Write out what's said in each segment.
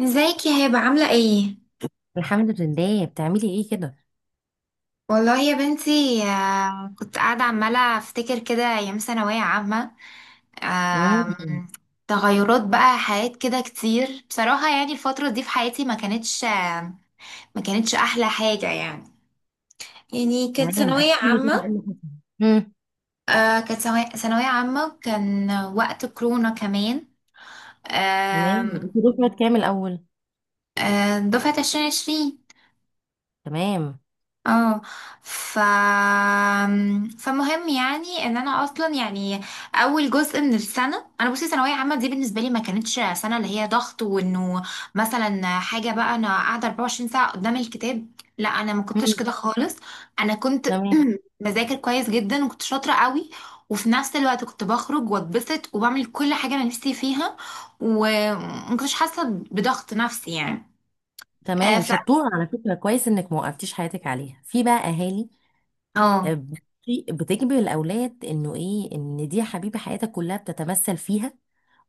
ازيك يا هبة عاملة ايه؟ الحمد لله. بتعملي ايه كده؟ والله يا بنتي، كنت قاعدة عمالة افتكر كده ايام ثانوية عامة. امم. آم، تغيرات بقى حياة كده كتير بصراحة. يعني الفترة دي في حياتي ما كانتش احلى حاجة يعني. يعني كانت تمام، ثانوية احكي لي كده ايه عامة. اللي حصل؟ امم. كانت ثانوية عامة، كان وقت كورونا كمان. تمام، آم، انت دفعه كام الاول؟ دفعة 2020. تمام. اه ف فمهم يعني ان انا اصلا يعني. اول جزء من السنه انا بصي ثانويه عامه دي بالنسبه لي ما كانتش سنه اللي هي ضغط، وانه مثلا حاجه بقى انا قاعده 24 ساعه قدام الكتاب. لا، انا ما كنتش امم. كده خالص. انا كنت تمام. بذاكر كويس جدا، وكنت شاطره قوي. وفي نفس الوقت كنت بخرج واتبسط وبعمل كل حاجه انا نفسي فيها، وما كنتش حاسه بضغط نفسي يعني. آه، تمام، ف شطوره على فكره، كويس انك ما وقفتيش حياتك عليها. في بقى اهالي اه بتجبر الاولاد انه ايه، ان دي حبيبه حياتك كلها بتتمثل فيها.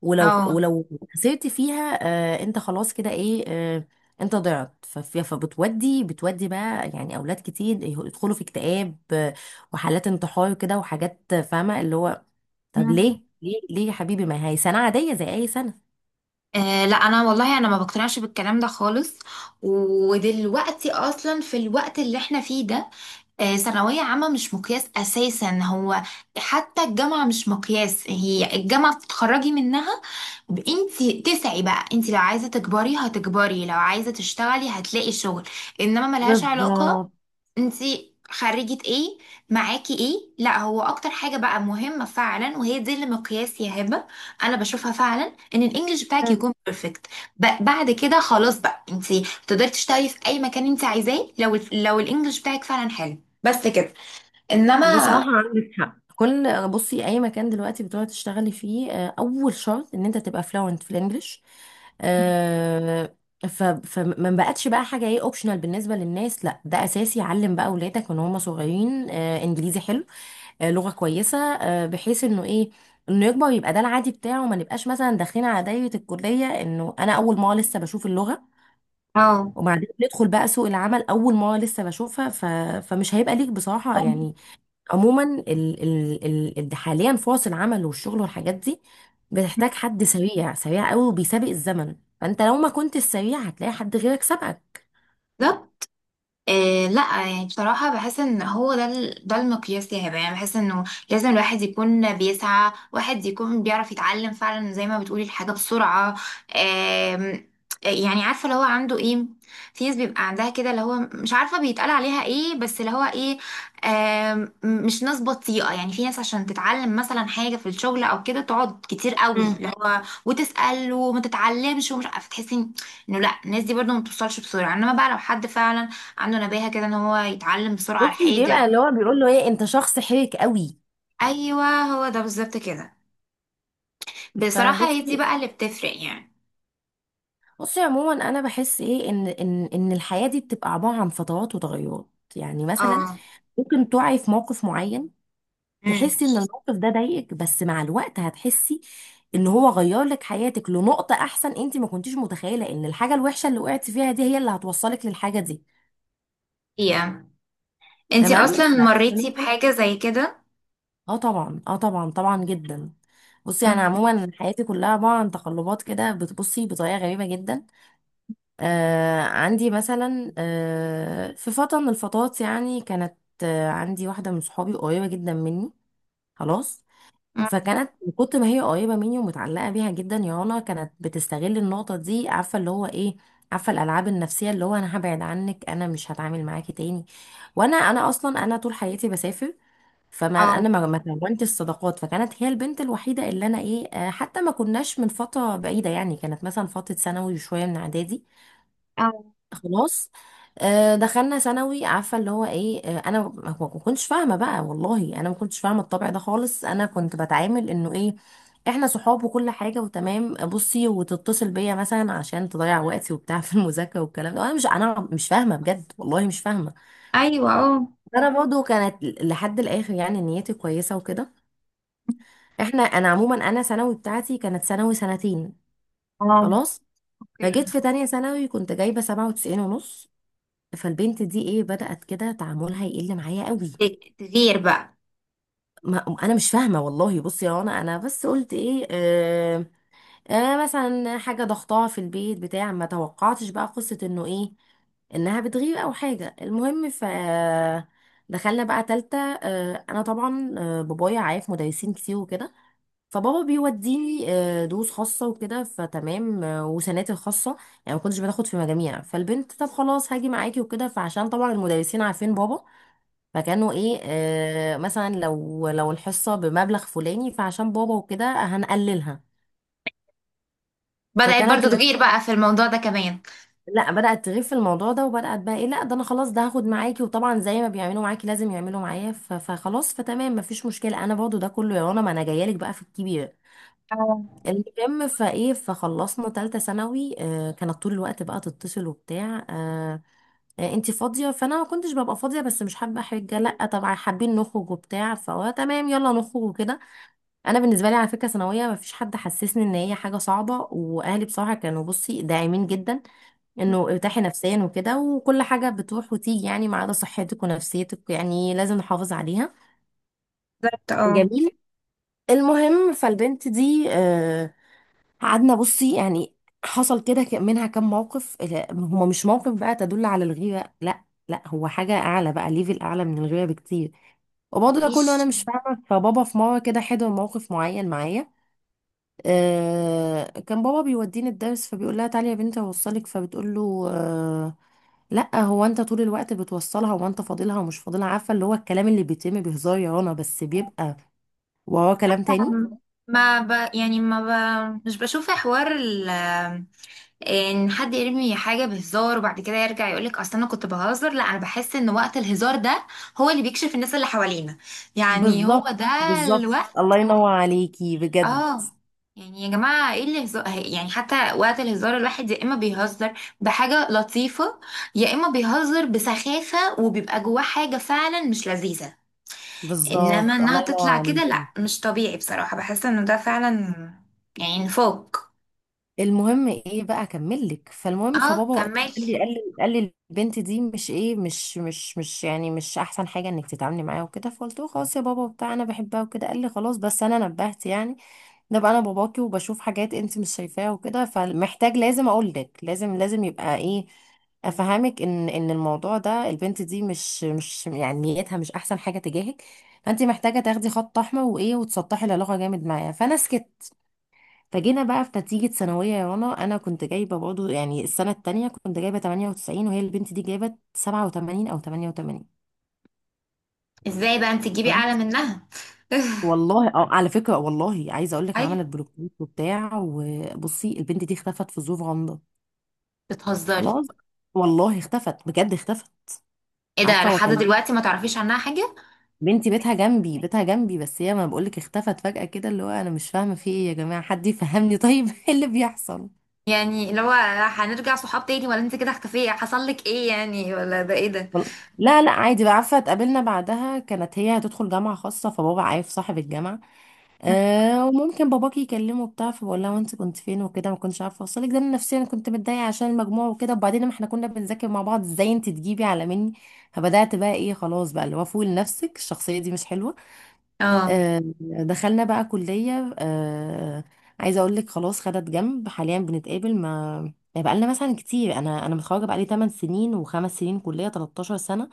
ولو اه ولو خسرت فيها، انت خلاص كده ايه. انت ضعت. فبتودي بتودي بقى، يعني اولاد كتير يدخلوا في اكتئاب، وحالات انتحار كده، وحاجات، فاهمه اللي هو، طب ليه ليه ليه يا حبيبي؟ ما هي سنه عاديه زي اي سنه. آه لا، انا والله انا ما بقتنعش بالكلام ده خالص. ودلوقتي اصلا في الوقت اللي احنا فيه ده، ثانوية عامة مش مقياس اساسا هو. حتى الجامعة مش مقياس، هي الجامعة بتتخرجي منها، انتي تسعي بقى. انتي لو عايزة تكبري هتكبري، لو عايزة تشتغلي هتلاقي شغل، انما ملهاش علاقة بالظبط. انتي خريجة ايه معاكي ايه. لا، هو اكتر حاجة بقى مهمة فعلا وهي دي اللي مقياس يا هبة، انا بشوفها فعلا، ان الانجليش بتاعك يكون بيرفكت. بعد كده خلاص بقى انتي تقدري تشتغلي في اي مكان انتي عايزاه لو لو الانجليش بتاعك فعلا حلو. بس كده. انما بصراحة عندك حق. كل، بصي، أي مكان دلوقتي بتقعد تشتغلي فيه، أول شرط إن أنت تبقى فلوينت في الإنجليش آه، فما بقتش بقى حاجة إيه أوبشنال بالنسبة للناس، لا ده أساسي. علم بقى أولادك من هم صغيرين، إنجليزي حلو، لغة كويسة، بحيث إنه إيه، إنه يكبر يبقى ده العادي بتاعه. ما نبقاش مثلا داخلين على دايرة الكلية إنه أنا أول ما لسه بشوف اللغة، اه، وبعدين ندخل بقى سوق العمل أول ما لسه بشوفها فمش هيبقى ليك بصراحة يعني. عموما حاليا فرص العمل والشغل والحاجات دي بتحتاج حد سريع سريع قوي وبيسابق الزمن. فانت لو ما كنت السريع هتلاقي حد غيرك سبقك. بالظبط. إيه، لا يعني بصراحة بحس ان هو ده ده المقياس يا هبة. يعني بحس انه لازم الواحد يكون بيسعى، واحد يكون بيعرف يتعلم فعلا زي ما بتقولي الحاجة بسرعة. آم، يعني عارفة اللي هو عنده ايه. في ناس بيبقى عندها كده اللي هو مش عارفة بيتقال عليها ايه بس اللي هو ايه، مش ناس بطيئة. يعني في ناس عشان تتعلم مثلا حاجة في الشغل او كده تقعد كتير قوي اللي مم. هو وتسأل، وما تتعلمش ومش عارفة تحسي انه لا، الناس دي برضه ما بتوصلش بسرعة. انما بقى لو حد فعلا عنده نباهة كده ان هو يتعلم بسرعة على بصي، حاجة. بيبقى اللي هو بيقول له ايه، انت شخص حرك قوي. ايوه، هو ده بالظبط كده. بصراحة هي دي فبصي بقى اللي بتفرق يعني. بصي، عموما انا بحس ايه، ان الحياة دي بتبقى عبارة عن فترات وتغيرات. يعني مثلا اه، ممكن تقعي في موقف معين، امم تحسي ان الموقف ده ضايقك، بس مع الوقت هتحسي ان هو غير لك حياتك لنقطة احسن، انت ما كنتيش متخيلة ان الحاجة الوحشة اللي وقعتي فيها دي هي اللي هتوصلك للحاجة دي. يا انتي تمام اصلا ف... مريتي بحاجة زي كده؟ اه طبعا، اه طبعا جدا. بصي انا أمم. عموما حياتي كلها عباره عن تقلبات، كده بتبصي بطريقه غريبه جدا. عندي مثلا في فتره من الفترات يعني، كانت، عندي واحده من صحابي قريبه جدا مني. خلاص. أمم. فكانت من كتر ما هي قريبه مني ومتعلقه بيها جدا يا رنا، كانت بتستغل النقطه دي. عارفه اللي هو ايه، عارفه الالعاب النفسيه اللي هو انا هبعد عنك، انا مش هتعامل معاكي تاني. وانا اصلا، طول حياتي بسافر. فما انا اه. ما كونتش الصداقات، فكانت هي البنت الوحيده اللي انا ايه، حتى ما كناش من فتره بعيده يعني، كانت مثلا فتره ثانوي وشويه من اعدادي. اه. خلاص. دخلنا ثانوي، عارفه اللي هو ايه، انا ما كنتش فاهمه بقى والله، انا ما كنتش فاهمه الطبع ده خالص. انا كنت بتعامل انه ايه، احنا صحاب وكل حاجه وتمام، بصي وتتصل بيا مثلا عشان تضيع وقتي وبتاع في المذاكره والكلام ده. انا مش فاهمه بجد والله، مش فاهمه. ايوه. اه. انا برضو كانت لحد الاخر يعني نيتي كويسه وكده. انا عموما، ثانوي بتاعتي كانت ثانوي سنتين. اه. خلاص. اوكي. فجيت في تانية ثانوي كنت جايبه 97 ونص. فالبنت دي ايه، بدأت كده تعاملها يقل معايا قوي. تغير بقى. ما انا مش فاهمه والله، بصي يا رنا انا بس قلت ايه، مثلا حاجه ضغطاها في البيت بتاع، ما توقعتش بقى قصه انه ايه، انها بتغيب او حاجه. المهم دخلنا بقى تالتة. انا طبعا، بابايا عارف مدرسين كتير وكده. فبابا بيوديني دروس خاصة وكده، فتمام، وسناتر خاصة، يعني ما كنتش بتاخد في مجاميع. فالبنت، طب خلاص هاجي معاكي وكده. فعشان طبعا المدرسين عارفين بابا، فكانوا ايه آه، مثلا لو الحصه بمبلغ فلاني فعشان بابا وكده هنقللها. بدأت فكانت برضو ال... تغير بقى في الموضوع ده كمان. لا بدات تغيب في الموضوع ده، وبدات بقى ايه، لا ده انا خلاص ده هاخد معاكي، وطبعا زي ما بيعملوا معاكي لازم يعملوا معايا فخلاص، فتمام مفيش مشكله. انا برضه ده كله يا رنا، ما انا جايه لك بقى في الكبير. اه، المهم فايه فخلصنا تالتة ثانوي آه، كانت طول الوقت بقى تتصل وبتاع آه، انتي فاضيه؟ فانا ما كنتش ببقى فاضيه، بس مش حابه حاجه، لا طبعا حابين نخرج وبتاع، فهو تمام يلا نخرج وكده. انا بالنسبه لي على فكره ثانويه، ما فيش حد حسسني ان هي حاجه صعبه، واهلي بصراحه كانوا بصي داعمين جدا، انه ارتاحي نفسيا وكده وكل حاجه بتروح وتيجي يعني، ما عدا صحتك ونفسيتك يعني لازم نحافظ عليها. بالظبط. اه. جميل. المهم فالبنت دي، قعدنا بصي يعني، حصل كده منها كم موقف، لا، هما مش موقف بقى تدل على الغيره، لا لا هو حاجه اعلى بقى، ليفل اعلى من الغيره بكتير. وبرضه ده كله انا مفيش. مش فاهمه. فبابا في مره كده حضر موقف معين معايا. كان بابا بيوديني الدرس، فبيقول لها تعالي يا بنتي اوصلك. فبتقول له آه، لا هو انت طول الوقت بتوصلها، هو انت فاضلها ومش فاضلها. عارفه اللي هو الكلام اللي بيتم بهزار يا رنا بس بيبقى وهو كلام تاني. ما ب... يعني ما ب... مش بشوف حوار ان حد يرمي حاجه بهزار وبعد كده يرجع يقولك اصل انا كنت بهزر. لا، انا بحس ان وقت الهزار ده هو اللي بيكشف الناس اللي حوالينا. يعني هو بالظبط ده بالظبط، الوقت. الله ينور عليكي بجد. اه. يعني يا جماعه، ايه اللي هزار؟ يعني حتى وقت الهزار الواحد يا اما بيهزر بحاجه لطيفه، يا اما بيهزر بسخافه وبيبقى جواه حاجه فعلا مش لذيذه. انما بالظبط، انها الله ينور تطلع كده، لا، عليكي. مش طبيعي بصراحه. بحس انه ده فعلا يعني فوق. المهم ايه بقى، اكمل لك. فالمهم اه، فبابا وقتها كملي. قال لي: البنت دي مش ايه، مش يعني مش احسن حاجه انك تتعاملي معاها وكده. فقلت له خلاص يا بابا وبتاع، انا بحبها وكده. قال لي خلاص، بس انا نبهت يعني، ده بقى انا باباكي وبشوف حاجات انت مش شايفاها وكده، فمحتاج لازم اقول لك، لازم لازم يبقى ايه، افهمك ان الموضوع ده، البنت دي مش مش يعني نيتها مش احسن حاجه تجاهك. فانت محتاجه تاخدي خط احمر وايه، وتسطحي العلاقه جامد معاها. فانا سكت. فجينا بقى في نتيجة ثانوية يا رنا، أنا كنت جايبة برضه، يعني السنة التانية كنت جايبة 98، وهي البنت دي جايبة 87 أو 88. ازاي بقى انت تجيبي اعلى خلاص. منها؟ والله اه، على فكرة والله عايزة أقول لك، ايوه، عملت بلوكات وبتاع، وبصي البنت دي اختفت في ظروف غامضة. بتهزري. خلاص. والله اختفت بجد، اختفت. ايه ده؟ عارفة؟ لحد وأكلمك، دلوقتي ما تعرفيش عنها حاجه؟ بنتي بيتها جنبي، بيتها جنبي، بس هي، ما بقولك اختفت فجأة كده، اللي هو أنا مش فاهمة في إيه يا جماعة، حد يفهمني طيب؟ إيه اللي بيحصل؟ يعني اللي هو هنرجع صحاب تاني ولا انت كده اختفيه؟ حصل لك ايه يعني؟ ولا ده ايه ده؟ لا لا عادي بقى، عارفه اتقابلنا بعدها، كانت هي هتدخل جامعه خاصه، فبابا عارف صاحب الجامعه آه، وممكن باباكي يكلمه بتاع. فبقول لها: وانت كنت فين وكده؟ ما كنتش عارفه اوصلك. ده انا نفسيا كنت متضايقه عشان المجموع وكده. وبعدين ما احنا كنا بنذاكر مع بعض، ازاي انت تجيبي على مني؟ فبدات بقى ايه، خلاص بقى اللي هو، فوق لنفسك، الشخصيه دي مش حلوه. اه. دخلنا بقى كليه. عايزه اقول لك خلاص، خدت جنب. حاليا بنتقابل، ما يعني بقى لنا مثلا كتير، انا انا متخرجه بقى لي 8 سنين و5 سنين كليه، 13 سنه.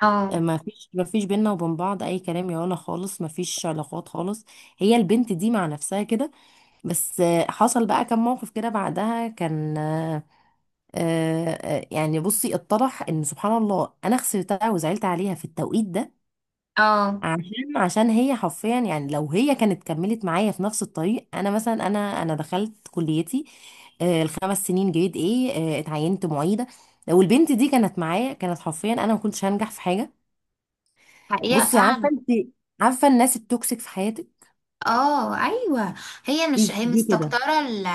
اه. ما فيش بينا وبين بعض اي كلام يا ولا خالص، ما فيش علاقات خالص. هي البنت دي مع نفسها كده. بس آه، حصل بقى كم موقف كده بعدها كان آه، يعني بصي اتضح ان سبحان الله، انا خسرتها وزعلت عليها في التوقيت ده. اه. عشان هي حرفيا يعني، لو هي كانت كملت معايا في نفس الطريق، انا مثلا، انا انا دخلت كليتي آه، الخمس سنين جريد ايه آه، اتعينت معيده. لو البنت دي كانت معايا، كانت حرفيا، انا ما كنتش هنجح في حاجه. حقيقة بصي عارفه فعلا. انت، عارفه الناس التوكسيك في حياتك؟ اه. ايوه. هي دي مش هي دي كده. مستكترة ال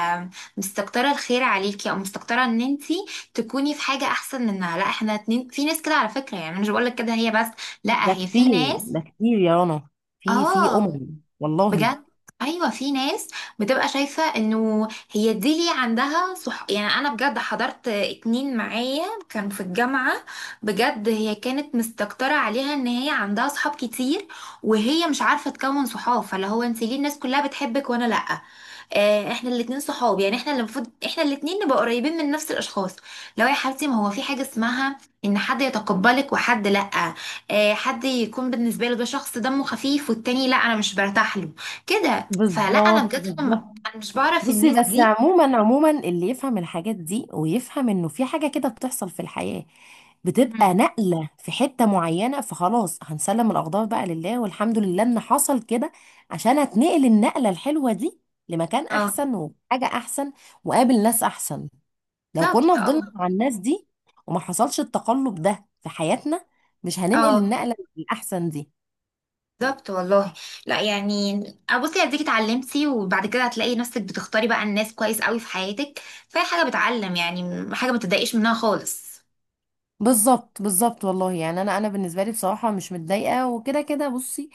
مستكترة الخير عليكي، او مستكترة ان انتي تكوني في حاجة احسن منها. لا، احنا اتنين، في ناس كده على فكرة، يعني مش بقولك كده هي بس، لا هي في ناس. ده كتير يا رنا، في في اه، امم، والله. بجد. ايوه، في ناس بتبقى شايفه انه هي دي ليه عندها صح. يعني انا بجد حضرت اتنين معايا كان في الجامعه، بجد هي كانت مستكتره عليها ان هي عندها صحاب كتير، وهي مش عارفه تكون صحاب. فاللي هو انت ليه الناس كلها بتحبك وانا لا؟ احنا الاتنين صحاب يعني، احنا اللي المفروض احنا الاتنين نبقى قريبين من نفس الاشخاص. لو يا حبيبتي، ما هو في حاجه اسمها ان حد يتقبلك وحد لا. حد يكون بالنسبه له ده شخص دمه خفيف، والتاني لا انا مش برتاح له كده. فلا انا بالظبط بجد بالظبط. انا مش بعرف بصي، الناس بس دي. عموما، اللي يفهم الحاجات دي ويفهم انه في حاجه كده بتحصل في الحياه، مم. بتبقى نقله في حته معينه، فخلاص هنسلم الاقدار بقى لله، والحمد لله ان حصل كده، عشان هتنقل النقله الحلوه دي لمكان اه، احسن، وحاجه احسن، وقابل ناس احسن. لو كنا بالظبط. فضلنا اه. مع الناس دي وما حصلش التقلب ده في حياتنا، مش هننقل اه، النقلة الأحسن دي. بالظبط والله. لا يعني، بصي اديكي اتعلمتي، وبعد كده هتلاقي نفسك بتختاري بقى الناس كويس قوي في حياتك. فهي حاجه بتعلم يعني، حاجه ما تضايقيش منها خالص. بالظبط بالظبط والله. يعني أنا أنا بالنسبة لي بصراحة مش متضايقة وكده. كده بصي،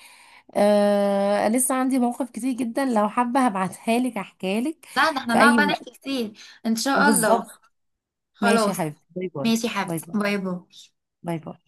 آه لسه عندي مواقف كتير جدا، لو حابة هبعتها لك أحكيها لك لا ده احنا في نقعد أي بقى وقت. نحكي كتير ان شاء الله. بالظبط. ماشي يا خلاص. حبيبتي، باي باي. ماشي يا باي حبيبتي باي. باي باي. باي باي.